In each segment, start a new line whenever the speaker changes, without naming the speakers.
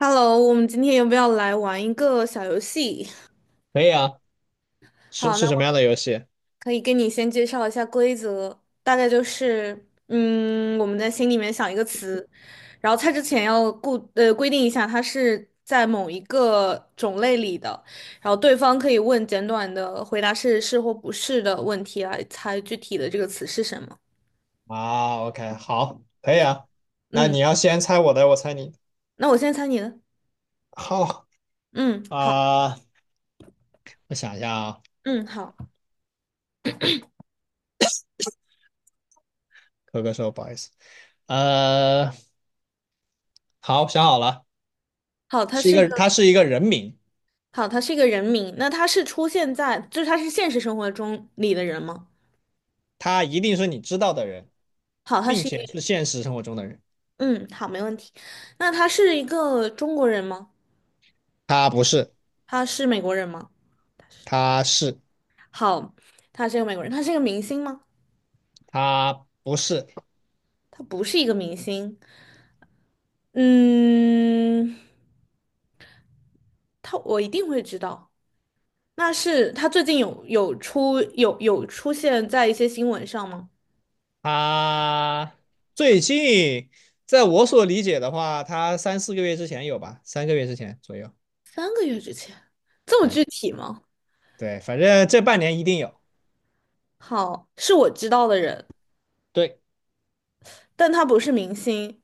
Hello，我们今天要不要来玩一个小游戏？
可以啊，是
好，那
是什么样
我
的游戏
可以跟你先介绍一下规则，大概就是，我们在心里面想一个词，然后猜之前要规定一下它是在某一个种类里的，然后对方可以问简短的回答是是或不是的问题来猜具体的这个词是什么。
啊？OK，好，可以啊。那
嗯，
你要先猜我的，我猜你的
那我先猜你的。
好
嗯，好。
啊，我想一下啊，
嗯，好。
可说不好意思。呃，好，想好了，
好，它
是一
是一
个，
个。
他是一个人名，
好，他是一个人名，那他是出现在，就是他是现实生活中里的人吗？
他一定是你知道的人，
好，他
并
是一个。
且是现实生活中的人。
嗯，好，没问题。那他是一个中国人吗？
他不是，
他是美国人吗？他是。
他是，
好，他是一个美国人，他是一个明星吗？
他不是，
他不是一个明星。嗯，他我一定会知道。那是他最近有出现在一些新闻上吗？
他最近，在我所理解的话，他三四个月之前有吧，3个月之前左右。
3个月之前，这么
对。
具体吗？
对，反正这半年一定有。
好，是我知道的人，
对，
但他不是明星。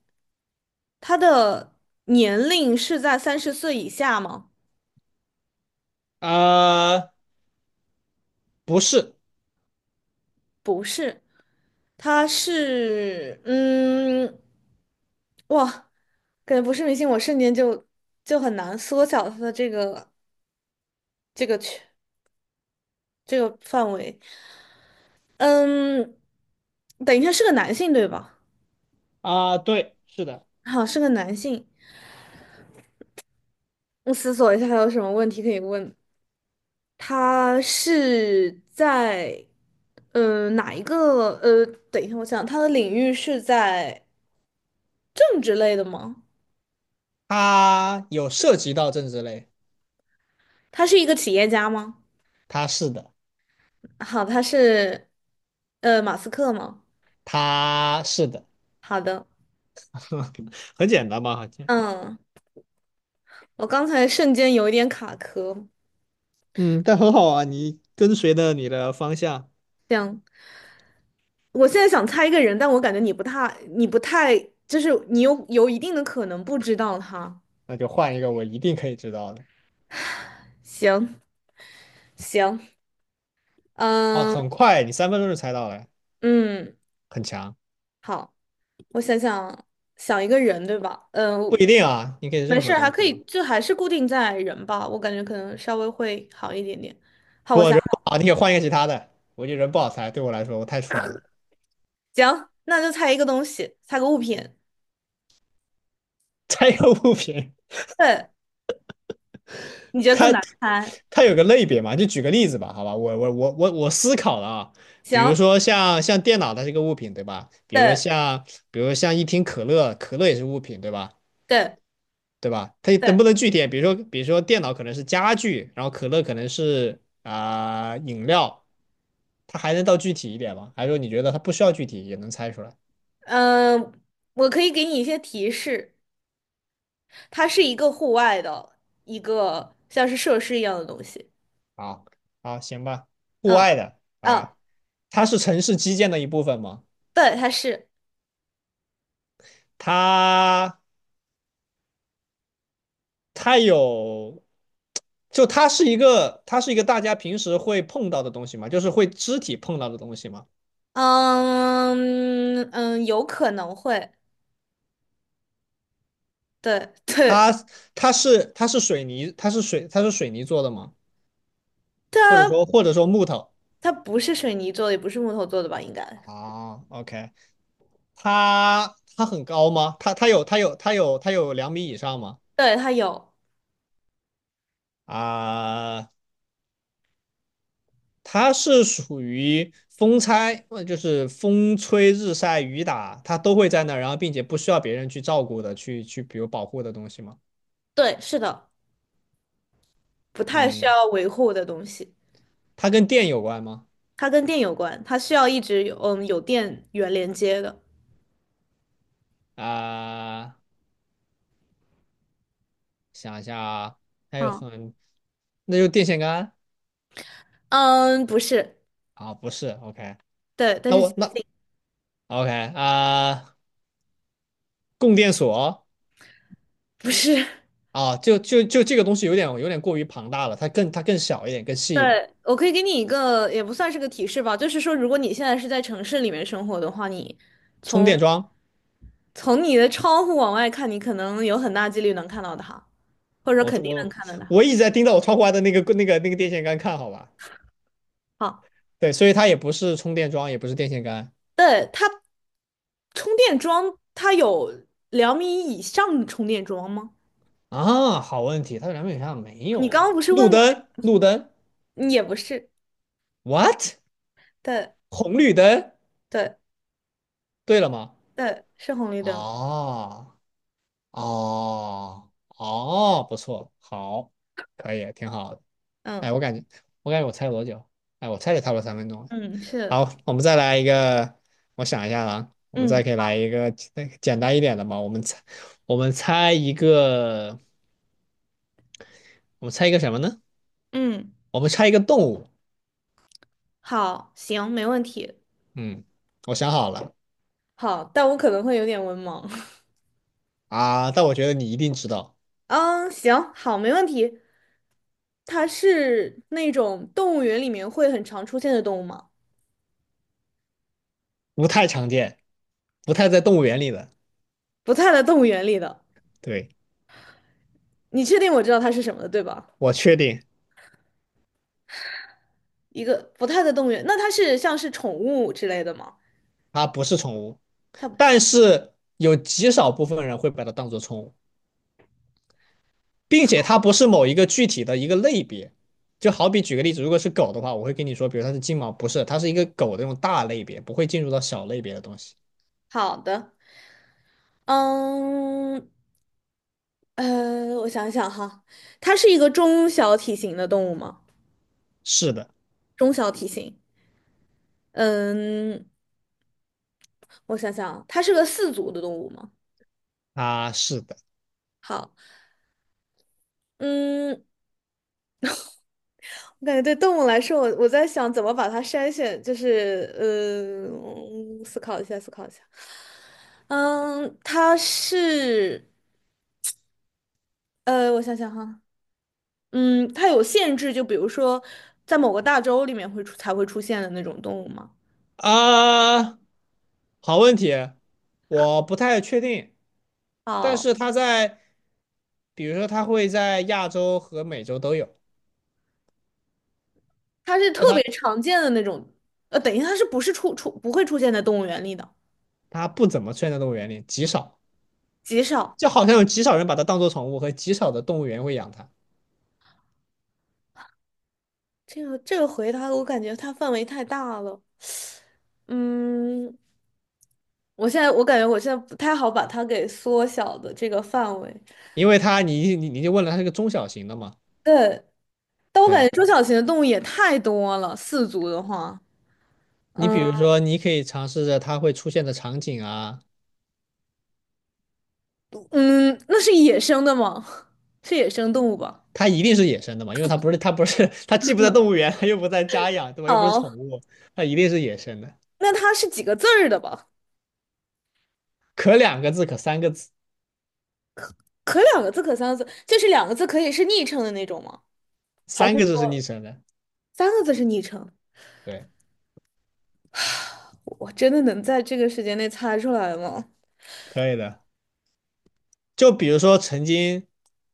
他的年龄是在30岁以下吗？
呃，不是，
不是，他是，哇，感觉不是明星，我瞬间就很难缩小他的这个这个圈这个范围。嗯，等一下是个男性对吧？
啊，对，是的，
好，是个男性。我思索一下还有什么问题可以问。他是在哪一个？等一下，我想他的领域是在。政治类的吗？
他有涉及到政治类，
他是一个企业家吗？
他是的，
好，他是马斯克吗？
他是的，
好的。
很简单嘛，好像，
嗯，我刚才瞬间有一点卡壳，
嗯，但很好啊，你跟随着你的方向，
这样，我现在想猜一个人，但我感觉你不太，就是你有一定的可能不知道他。
那就换一个我一定可以知道的。
行行。
哦，
嗯
很快，你三分钟就猜到了，
嗯。
很强。
好，我想想，想一个人，对吧？嗯、
不一定啊，你可以
没
任
事
何
儿，还
东
可
西吧。
以，就还是固定在人吧，我感觉可能稍微会好一点点。好，我
不，
想。
人不好，你可以换一个其他的。我觉得人不好猜，对我来说我太蠢了。
行，那就猜一个东西，猜个物品。
猜一个物品，
对，你觉得
它
更难猜？
它有个类别嘛，就举个例子吧，好吧，我思考了啊，比如
行。
说像电脑，它是个物品，对吧？比如
对
像一听可乐，可乐也是物品，对吧？
对
对吧？它
对。
能不能具体点？比如说电脑可能是家具，然后可乐可能是饮料，它还能到具体一点吗？还是说你觉得它不需要具体也能猜出来？
嗯，我可以给你一些提示，它是一个户外的一个像是设施一样的东西。
好，好，行吧，户
嗯
外的，
嗯。
哎，它是城市基建的一部分吗？
对，它是。
它它有，就它是一个，大家平时会碰到的东西嘛，就是会肢体碰到的东西嘛。
嗯嗯，有可能会。对对，
它它是水泥，它是水泥做的吗？或者
它
说或者说木头
它不是水泥做的，也不是木头做的吧？应该。
啊？OK，它很高吗？它有2米以上吗？
对，它有。
啊，它是属于风拆，就是风吹日晒雨打，它都会在那儿，然后并且不需要别人去照顾的，去比如保护的东西吗？
对，是的，不太需
嗯。
要维护的东西。
它跟电有关吗？
它跟电有关，它需要一直有电源连接的。
啊、想一下啊，还有
啊。
很，那就电线杆
嗯。不是。
啊，不是，OK，
对，但
那
是
我
接
那
近。
OK 啊、供电所
不是。
啊，就这个东西有点过于庞大了，它更小一点，更细一点，
对，我可以给你一个，也不算是个提示吧，就是说，如果你现在是在城市里面生活的话，你
充
从
电桩，
从你的窗户往外看，你可能有很大几率能看到它，或者说
我
肯
这
定能
我
看到它。
我一直在盯着我窗户外的那个电线杆看，好吧？
好。
对，所以它也不是充电桩，也不是电线杆
对，它充电桩，它有2米以上的充电桩吗？
啊，好问题，它这两边有啥没有
你刚
啊？
刚不是
路
问过
灯，路灯
那，也不是。
，what？
对
红绿灯，
对
对了吗？
对，是红绿灯。
哦哦哦，不错，好，可以，挺好的。
嗯
哎，我感觉，我猜了多久？哎，我猜也差不多三分钟了
嗯，是。
好，我们再来一个，我想一下啊，我们
嗯
再可以来一个简单一点的吧。我们猜，我们猜一个，我们猜一个什么呢？
嗯，
我们猜一个动物。
好。行，没问题。
嗯，我想好了
好，但我可能会有点文盲。
啊，但我觉得你一定知道，
嗯，行，好，没问题。它是那种动物园里面会很常出现的动物吗？
不太常见，不太在动物园里的。
不太在动物园里的。
对，
你确定我知道它是什么的，对吧？
我确定
一个不太在动物园，那它是像是宠物之类的吗？
它不是宠物。
它
但是有极少部分人会把它当做宠物，并且它不是某一个具体的一个类别。就好比举个例子，如果是狗的话，我会跟你说，比如它是金毛，不是，它是一个狗的那种大类别，不会进入到小类别的东西。
好的。嗯我想想哈，它是一个中小体型的动物吗？
是的，
中小体型。嗯，我想想啊它是个四足的动物吗？
啊，是的，
好。嗯，我感觉对动物来说，我在想怎么把它筛选，就是，思考一下，思考一下。嗯，它是，我想想哈，它有限制，就比如说在某个大洲里面才会出现的那种动物吗？
啊，好问题，我不太确定，但
哦，
是它在，比如说它会在亚洲和美洲都有，
它是特
那它
别常见的那种，等于它是不是不会出现在动物园里的，
它不怎么出现在动物园里，极少，
极少。
就好像有极少人把它当做宠物，和极少的动物园会养它。
这个回答我感觉它范围太大了。嗯，我感觉我现在不太好把它给缩小的这个范围。
因为它你就问了，它是个中小型的嘛？
对，但我感觉
对
中小型的动物也太多了，四足的话。
你
嗯
比如说，你可以尝试着它会出现的场景啊，
嗯，那是野生的吗？是野生动物吧？
它一定是野生的嘛，因为它不是它不是它既不在动物园，它又不在家养，对吧？又不是宠
哦，
物，它一定是野生的。
那它是几个字儿的吧？
可两个字，可三个字，
可两个字，可三个字，就是两个字可以是昵称的那种吗？还是
三个字是拟
说
声的，
三个字是昵称？
对，
我真的能在这个时间内猜出来吗？
可以的。就比如说，曾经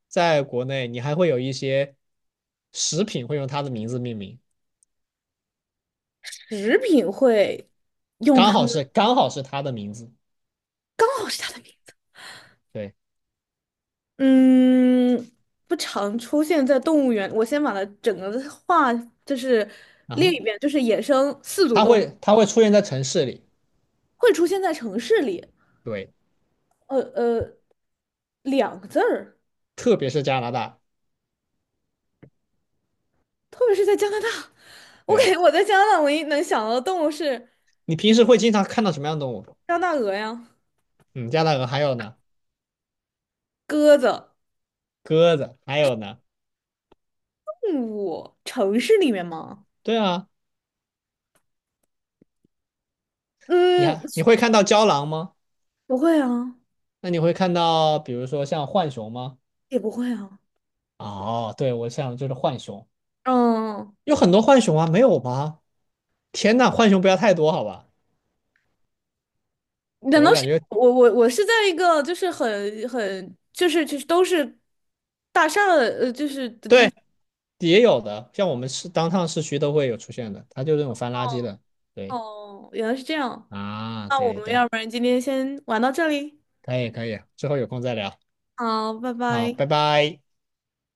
在国内，你还会有一些食品会用它的名字命名，
食品会用
刚
它
好
们。
是刚好是它的名字，
哦，是它的名。
对，
嗯，不常出现在动物园。我先把它整个的话就是
然
列一
后
遍，就是野生四足
它
动物
会它会出现在城市里。
会出现在城市里。
对。
呃呃，2个字儿，
特别是加拿大。
特别是在加拿大。我感
对，
觉我在加拿大唯一能想到的动物是
你平时会经常看到什么样的动物？
加拿大鹅呀、
嗯，加拿大鹅还有呢，
鸽子。
鸽子还有呢。
动物城市里面吗？
对啊，你
嗯，
还你会看到郊狼吗？
不会啊，
那你会看到比如说像浣熊吗？
也不会啊。
哦，对，我想就是浣熊，
嗯，
有很多浣熊啊，没有吧？天呐，浣熊不要太多，好吧？对，
难
我
道
感
是
觉
我是在一个就是很就是都是大厦的就是的地
对
方
也有的，像我们市当趟市区都会有出现的，它就是那种翻垃圾的。对
哦，原来是这样。
啊，
那
对
我
对
们要
对，
不然今天先玩到这里，
可以可以，之后有空再聊。
好，拜
好，
拜。
拜拜。